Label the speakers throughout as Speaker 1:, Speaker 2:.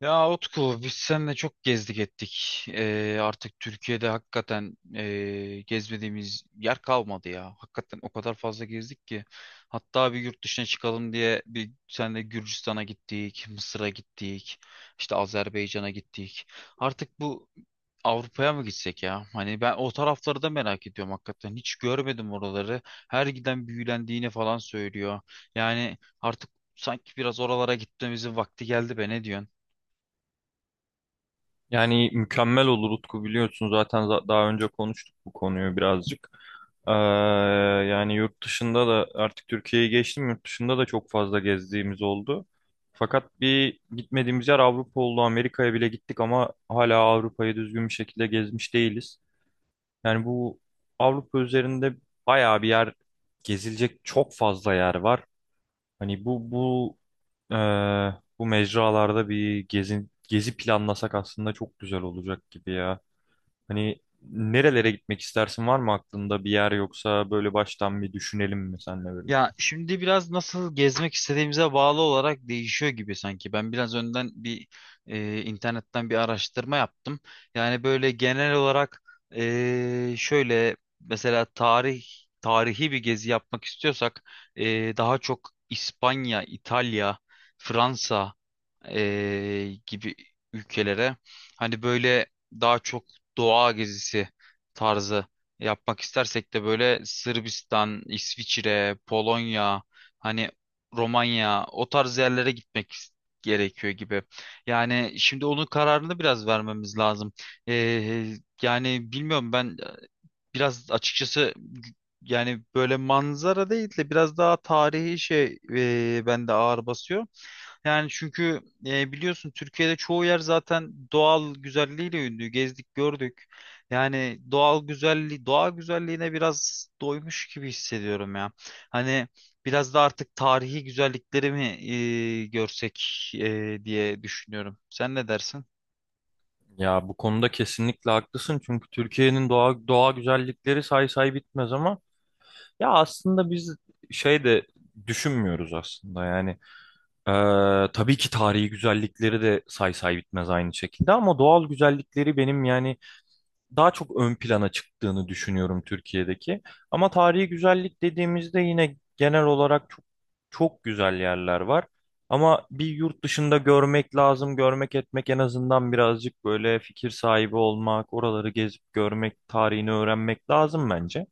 Speaker 1: Ya Utku, biz seninle çok gezdik ettik. Artık Türkiye'de hakikaten gezmediğimiz yer kalmadı ya. Hakikaten o kadar fazla gezdik ki. Hatta bir yurt dışına çıkalım diye bir seninle Gürcistan'a gittik, Mısır'a gittik, işte Azerbaycan'a gittik. Artık bu Avrupa'ya mı gitsek ya? Hani ben o tarafları da merak ediyorum hakikaten. Hiç görmedim oraları. Her giden büyülendiğini falan söylüyor. Yani artık sanki biraz oralara gitmemizin vakti geldi be, ne diyorsun?
Speaker 2: Yani mükemmel olur Utku biliyorsun zaten daha önce konuştuk bu konuyu birazcık. Ee, Yani yurt dışında da artık Türkiye'yi geçtim yurt dışında da çok fazla gezdiğimiz oldu. Fakat bir gitmediğimiz yer Avrupa oldu. Amerika'ya bile gittik ama hala Avrupa'yı düzgün bir şekilde gezmiş değiliz. Yani bu Avrupa üzerinde bayağı bir yer gezilecek çok fazla yer var. Hani bu ee, bu mecralarda bir gezi planlasak aslında çok güzel olacak gibi ya. Hani nerelere gitmek istersin, var mı aklında bir yer, yoksa böyle baştan bir düşünelim mi seninle
Speaker 1: Ya
Speaker 2: birlikte?
Speaker 1: şimdi biraz nasıl gezmek istediğimize bağlı olarak değişiyor gibi sanki. Ben biraz önden bir internetten bir araştırma yaptım. Yani böyle genel olarak, şöyle mesela tarihi bir gezi yapmak istiyorsak daha çok İspanya, İtalya, Fransa gibi ülkelere, hani böyle daha çok doğa gezisi tarzı yapmak istersek de böyle Sırbistan, İsviçre, Polonya, hani Romanya, o tarz yerlere gitmek gerekiyor gibi. Yani şimdi onun kararını biraz vermemiz lazım. Yani bilmiyorum, ben biraz açıkçası yani böyle manzara değil de biraz daha tarihi şey bende ağır basıyor. Yani çünkü biliyorsun Türkiye'de çoğu yer zaten doğal güzelliğiyle ünlü. Gezdik, gördük. Yani doğal güzelliği, doğa güzelliğine biraz doymuş gibi hissediyorum ya. Hani biraz da artık tarihi güzellikleri mi görsek diye düşünüyorum. Sen ne dersin?
Speaker 2: Ya bu konuda kesinlikle haklısın çünkü Türkiye'nin doğa güzellikleri say say bitmez ama ya aslında biz şey de düşünmüyoruz aslında yani. Ee, tabii ki tarihi güzellikleri de say say bitmez aynı şekilde ama doğal güzellikleri benim yani daha çok ön plana çıktığını düşünüyorum Türkiye'deki. Ama tarihi güzellik dediğimizde yine genel olarak çok güzel yerler var. Ama bir yurt dışında görmek lazım, görmek etmek, en azından birazcık böyle fikir sahibi olmak, oraları gezip görmek, tarihini öğrenmek lazım bence.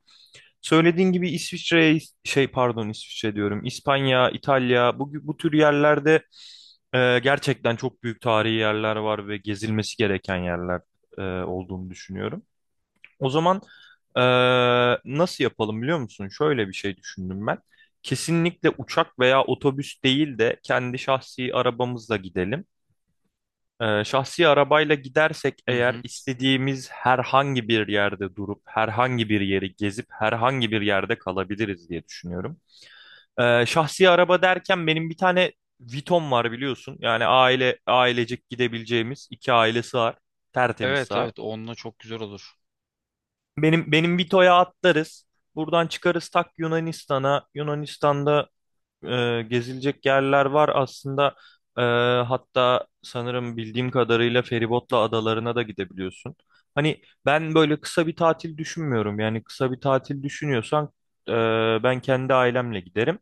Speaker 2: Söylediğin gibi İsviçre, şey pardon İsviçre diyorum, İspanya, İtalya, bu tür yerlerde gerçekten çok büyük tarihi yerler var ve gezilmesi gereken yerler olduğunu düşünüyorum. O zaman nasıl yapalım biliyor musun? Şöyle bir şey düşündüm ben. Kesinlikle uçak veya otobüs değil de kendi şahsi arabamızla gidelim. Şahsi arabayla gidersek
Speaker 1: Hı
Speaker 2: eğer
Speaker 1: hı.
Speaker 2: istediğimiz herhangi bir yerde durup herhangi bir yeri gezip herhangi bir yerde kalabiliriz diye düşünüyorum. Şahsi araba derken benim bir tane Vitom var biliyorsun. Yani ailecek gidebileceğimiz, iki aile sığar. Tertemiz
Speaker 1: Evet,
Speaker 2: sığar.
Speaker 1: evet, onunla çok güzel olur.
Speaker 2: Benim Vito'ya atlarız. Buradan çıkarız tak Yunanistan'a. Yunanistan'da gezilecek yerler var aslında. E, Hatta sanırım bildiğim kadarıyla feribotla adalarına da gidebiliyorsun. Hani ben böyle kısa bir tatil düşünmüyorum. Yani kısa bir tatil düşünüyorsan e, ben kendi ailemle giderim.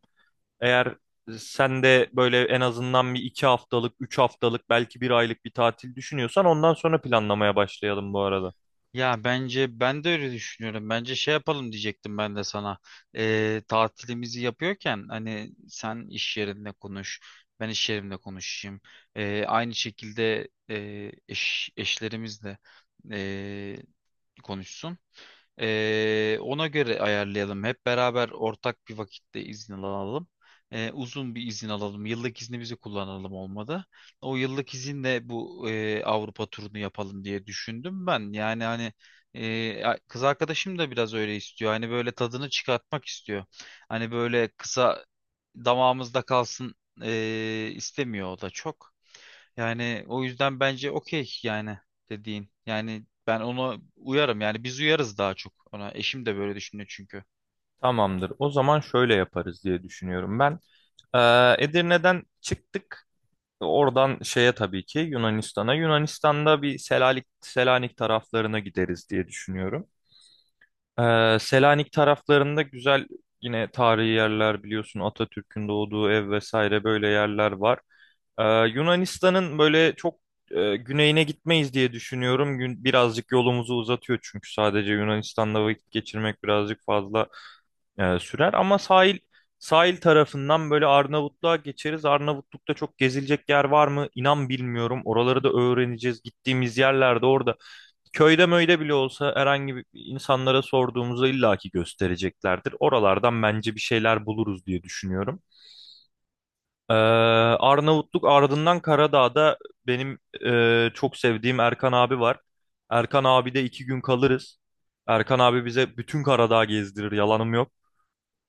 Speaker 2: Eğer sen de böyle en azından bir iki haftalık, üç haftalık, belki bir aylık bir tatil düşünüyorsan ondan sonra planlamaya başlayalım bu arada.
Speaker 1: Ya bence ben de öyle düşünüyorum. Bence şey yapalım diyecektim ben de sana. Tatilimizi yapıyorken, hani sen iş yerinde konuş, ben iş yerimde konuşayım. Aynı şekilde eşlerimiz de e, konuşsun. Ona göre ayarlayalım. Hep beraber ortak bir vakitte izin alalım. Uzun bir izin alalım. Yıllık iznimizi kullanalım olmadı. O yıllık izinle bu Avrupa turunu yapalım diye düşündüm ben. Yani hani kız arkadaşım da biraz öyle istiyor. Hani böyle tadını çıkartmak istiyor. Hani böyle kısa damağımızda kalsın istemiyor o da çok. Yani o yüzden bence okey, yani dediğin. Yani ben ona uyarım. Yani biz uyarız daha çok ona. Eşim de böyle düşünüyor çünkü.
Speaker 2: Tamamdır. O zaman şöyle yaparız diye düşünüyorum ben. Edirne'den çıktık. Oradan şeye tabii ki Yunanistan'a. Yunanistan'da bir Selanik taraflarına gideriz diye düşünüyorum. Selanik taraflarında güzel yine tarihi yerler biliyorsun, Atatürk'ün doğduğu ev vesaire, böyle yerler var. Ee, Yunanistan'ın böyle çok güneyine gitmeyiz diye düşünüyorum. Birazcık yolumuzu uzatıyor çünkü sadece Yunanistan'da vakit geçirmek birazcık fazla sürer, ama sahil tarafından böyle Arnavutluğa geçeriz. Arnavutluk'ta çok gezilecek yer var mı? İnan bilmiyorum. Oraları da öğreneceğiz. Gittiğimiz yerlerde orada köyde möyde bile olsa herhangi bir insanlara sorduğumuzda illaki göstereceklerdir. Oralardan bence bir şeyler buluruz diye düşünüyorum. Arnavutluk ardından Karadağ'da benim çok sevdiğim Erkan abi var. Erkan abi de iki gün kalırız. Erkan abi bize bütün Karadağ gezdirir, yalanım yok.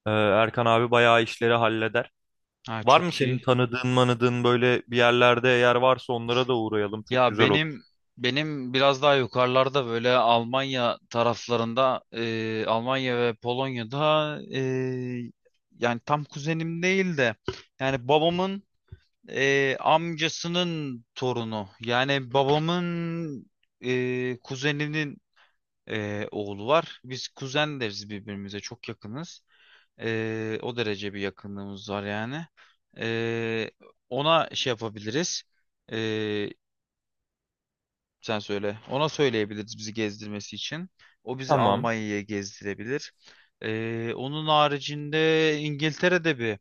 Speaker 2: Erkan abi bayağı işleri halleder.
Speaker 1: Ha,
Speaker 2: Var mı
Speaker 1: çok
Speaker 2: senin
Speaker 1: iyi.
Speaker 2: tanıdığın manıdığın böyle bir yerlerde? Eğer varsa onlara da uğrayalım. Çok
Speaker 1: Ya
Speaker 2: güzel olur.
Speaker 1: benim biraz daha yukarılarda, böyle Almanya taraflarında, Almanya ve Polonya'da yani tam kuzenim değil de, yani babamın amcasının torunu, yani babamın kuzeninin oğlu var. Biz kuzen deriz birbirimize, çok yakınız. O derece bir yakınlığımız var yani. E, ona şey yapabiliriz. Sen söyle. Ona söyleyebiliriz bizi gezdirmesi için. O bizi
Speaker 2: Tamam.
Speaker 1: Almanya'ya gezdirebilir. Onun haricinde İngiltere'de bir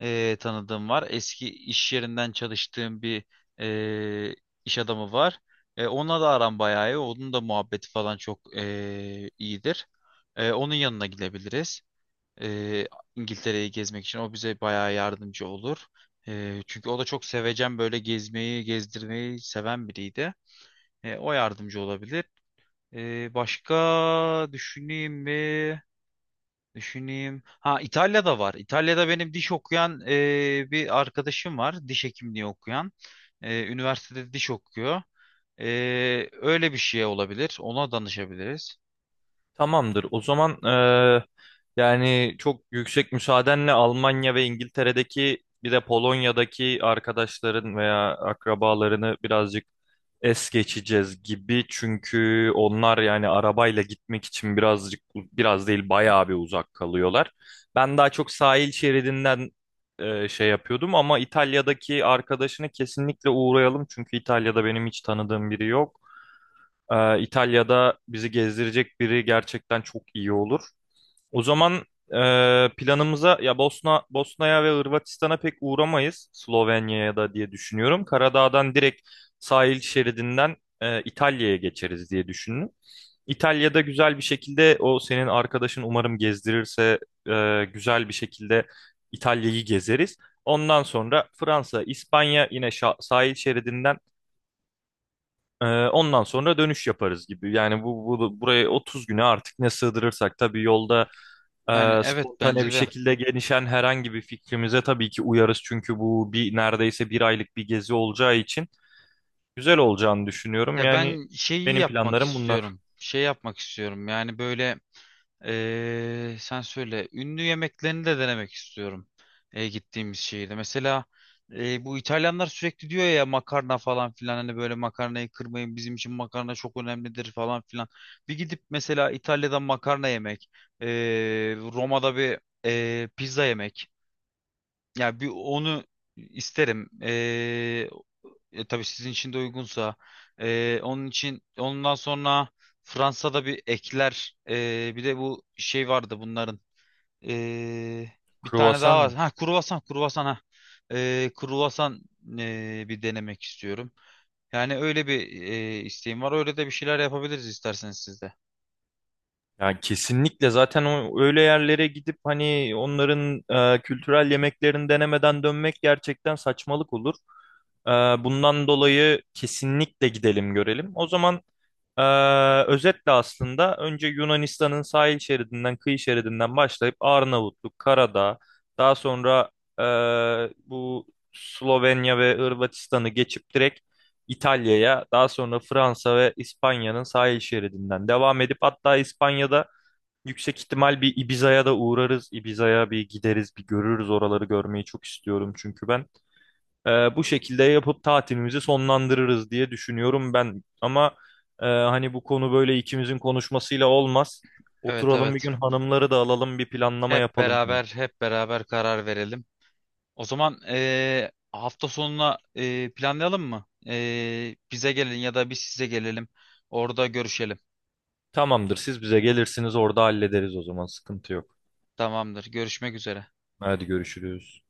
Speaker 1: tanıdığım var. Eski iş yerinden çalıştığım bir e, iş adamı var. Onunla da aram bayağı iyi. Onun da muhabbeti falan çok iyidir. Onun yanına gidebiliriz. E, İngiltere'yi gezmek için o bize bayağı yardımcı olur. Çünkü o da çok sevecen, böyle gezmeyi, gezdirmeyi seven biriydi. O yardımcı olabilir. Başka düşüneyim mi? Düşüneyim. Ha, İtalya'da var. İtalya'da benim diş okuyan bir arkadaşım var. Diş hekimliği okuyan. Üniversitede diş okuyor. E, öyle bir şey olabilir. Ona danışabiliriz.
Speaker 2: Tamamdır. O zaman yani çok yüksek müsaadenle Almanya ve İngiltere'deki bir de Polonya'daki arkadaşların veya akrabalarını birazcık es geçeceğiz gibi. Çünkü onlar yani arabayla gitmek için birazcık, biraz değil bayağı bir uzak kalıyorlar. Ben daha çok sahil şeridinden şey yapıyordum ama İtalya'daki arkadaşını kesinlikle uğrayalım. Çünkü İtalya'da benim hiç tanıdığım biri yok. İtalya'da bizi gezdirecek biri gerçekten çok iyi olur. O zaman planımıza ya Bosna'ya ve Hırvatistan'a pek uğramayız. Slovenya'ya da diye düşünüyorum. Karadağ'dan direkt sahil şeridinden İtalya'ya geçeriz diye düşündüm. İtalya'da güzel bir şekilde o senin arkadaşın umarım gezdirirse güzel bir şekilde İtalya'yı gezeriz. Ondan sonra Fransa, İspanya yine sahil şeridinden ondan sonra dönüş yaparız gibi. Yani bu buraya 30 güne artık ne sığdırırsak, tabii yolda
Speaker 1: Yani evet,
Speaker 2: spontane bir
Speaker 1: bence de.
Speaker 2: şekilde gelişen herhangi bir fikrimize tabii ki uyarız. Çünkü bu bir neredeyse bir aylık bir gezi olacağı için güzel olacağını düşünüyorum.
Speaker 1: Ya
Speaker 2: Yani
Speaker 1: ben şeyi
Speaker 2: benim
Speaker 1: yapmak
Speaker 2: planlarım bunlar.
Speaker 1: istiyorum. Şey yapmak istiyorum. Yani böyle. Sen söyle. Ünlü yemeklerini de denemek istiyorum. Gittiğimiz şehirde. Mesela bu İtalyanlar sürekli diyor ya, makarna falan filan. Hani böyle makarnayı kırmayın, bizim için makarna çok önemlidir falan filan. Bir gidip mesela İtalya'dan makarna yemek, ee, Roma'da bir pizza yemek. Yani bir onu isterim. Tabii sizin için de uygunsa. Onun için, ondan sonra Fransa'da bir ekler. Bir de bu şey vardı bunların. E, bir tane daha
Speaker 2: Kruvasan
Speaker 1: var.
Speaker 2: mı?
Speaker 1: Ha, kruvasan, kruvasan, ha. Kruvasan bir denemek istiyorum. Yani öyle bir isteğim var. Öyle de bir şeyler yapabiliriz isterseniz siz de.
Speaker 2: Yani kesinlikle zaten o öyle yerlere gidip hani onların kültürel yemeklerini denemeden dönmek gerçekten saçmalık olur. E, Bundan dolayı kesinlikle gidelim görelim. O zaman Ee, özetle aslında önce Yunanistan'ın sahil şeridinden, kıyı şeridinden başlayıp Arnavutluk, Karadağ, daha sonra bu Slovenya ve Hırvatistan'ı geçip direkt İtalya'ya, daha sonra Fransa ve İspanya'nın sahil şeridinden devam edip, hatta İspanya'da yüksek ihtimal bir Ibiza'ya da uğrarız. Ibiza'ya bir gideriz, bir görürüz, oraları görmeyi çok istiyorum çünkü ben. Bu şekilde yapıp tatilimizi sonlandırırız diye düşünüyorum ben. Ama hani bu konu böyle ikimizin konuşmasıyla olmaz.
Speaker 1: Evet,
Speaker 2: Oturalım bir
Speaker 1: evet.
Speaker 2: gün, hanımları da alalım, bir planlama
Speaker 1: Hep
Speaker 2: yapalım yani.
Speaker 1: beraber, hep beraber karar verelim. O zaman hafta sonuna planlayalım mı? Bize gelin ya da biz size gelelim. Orada görüşelim.
Speaker 2: Tamamdır, siz bize gelirsiniz, orada hallederiz, o zaman sıkıntı yok.
Speaker 1: Tamamdır. Görüşmek üzere.
Speaker 2: Hadi görüşürüz.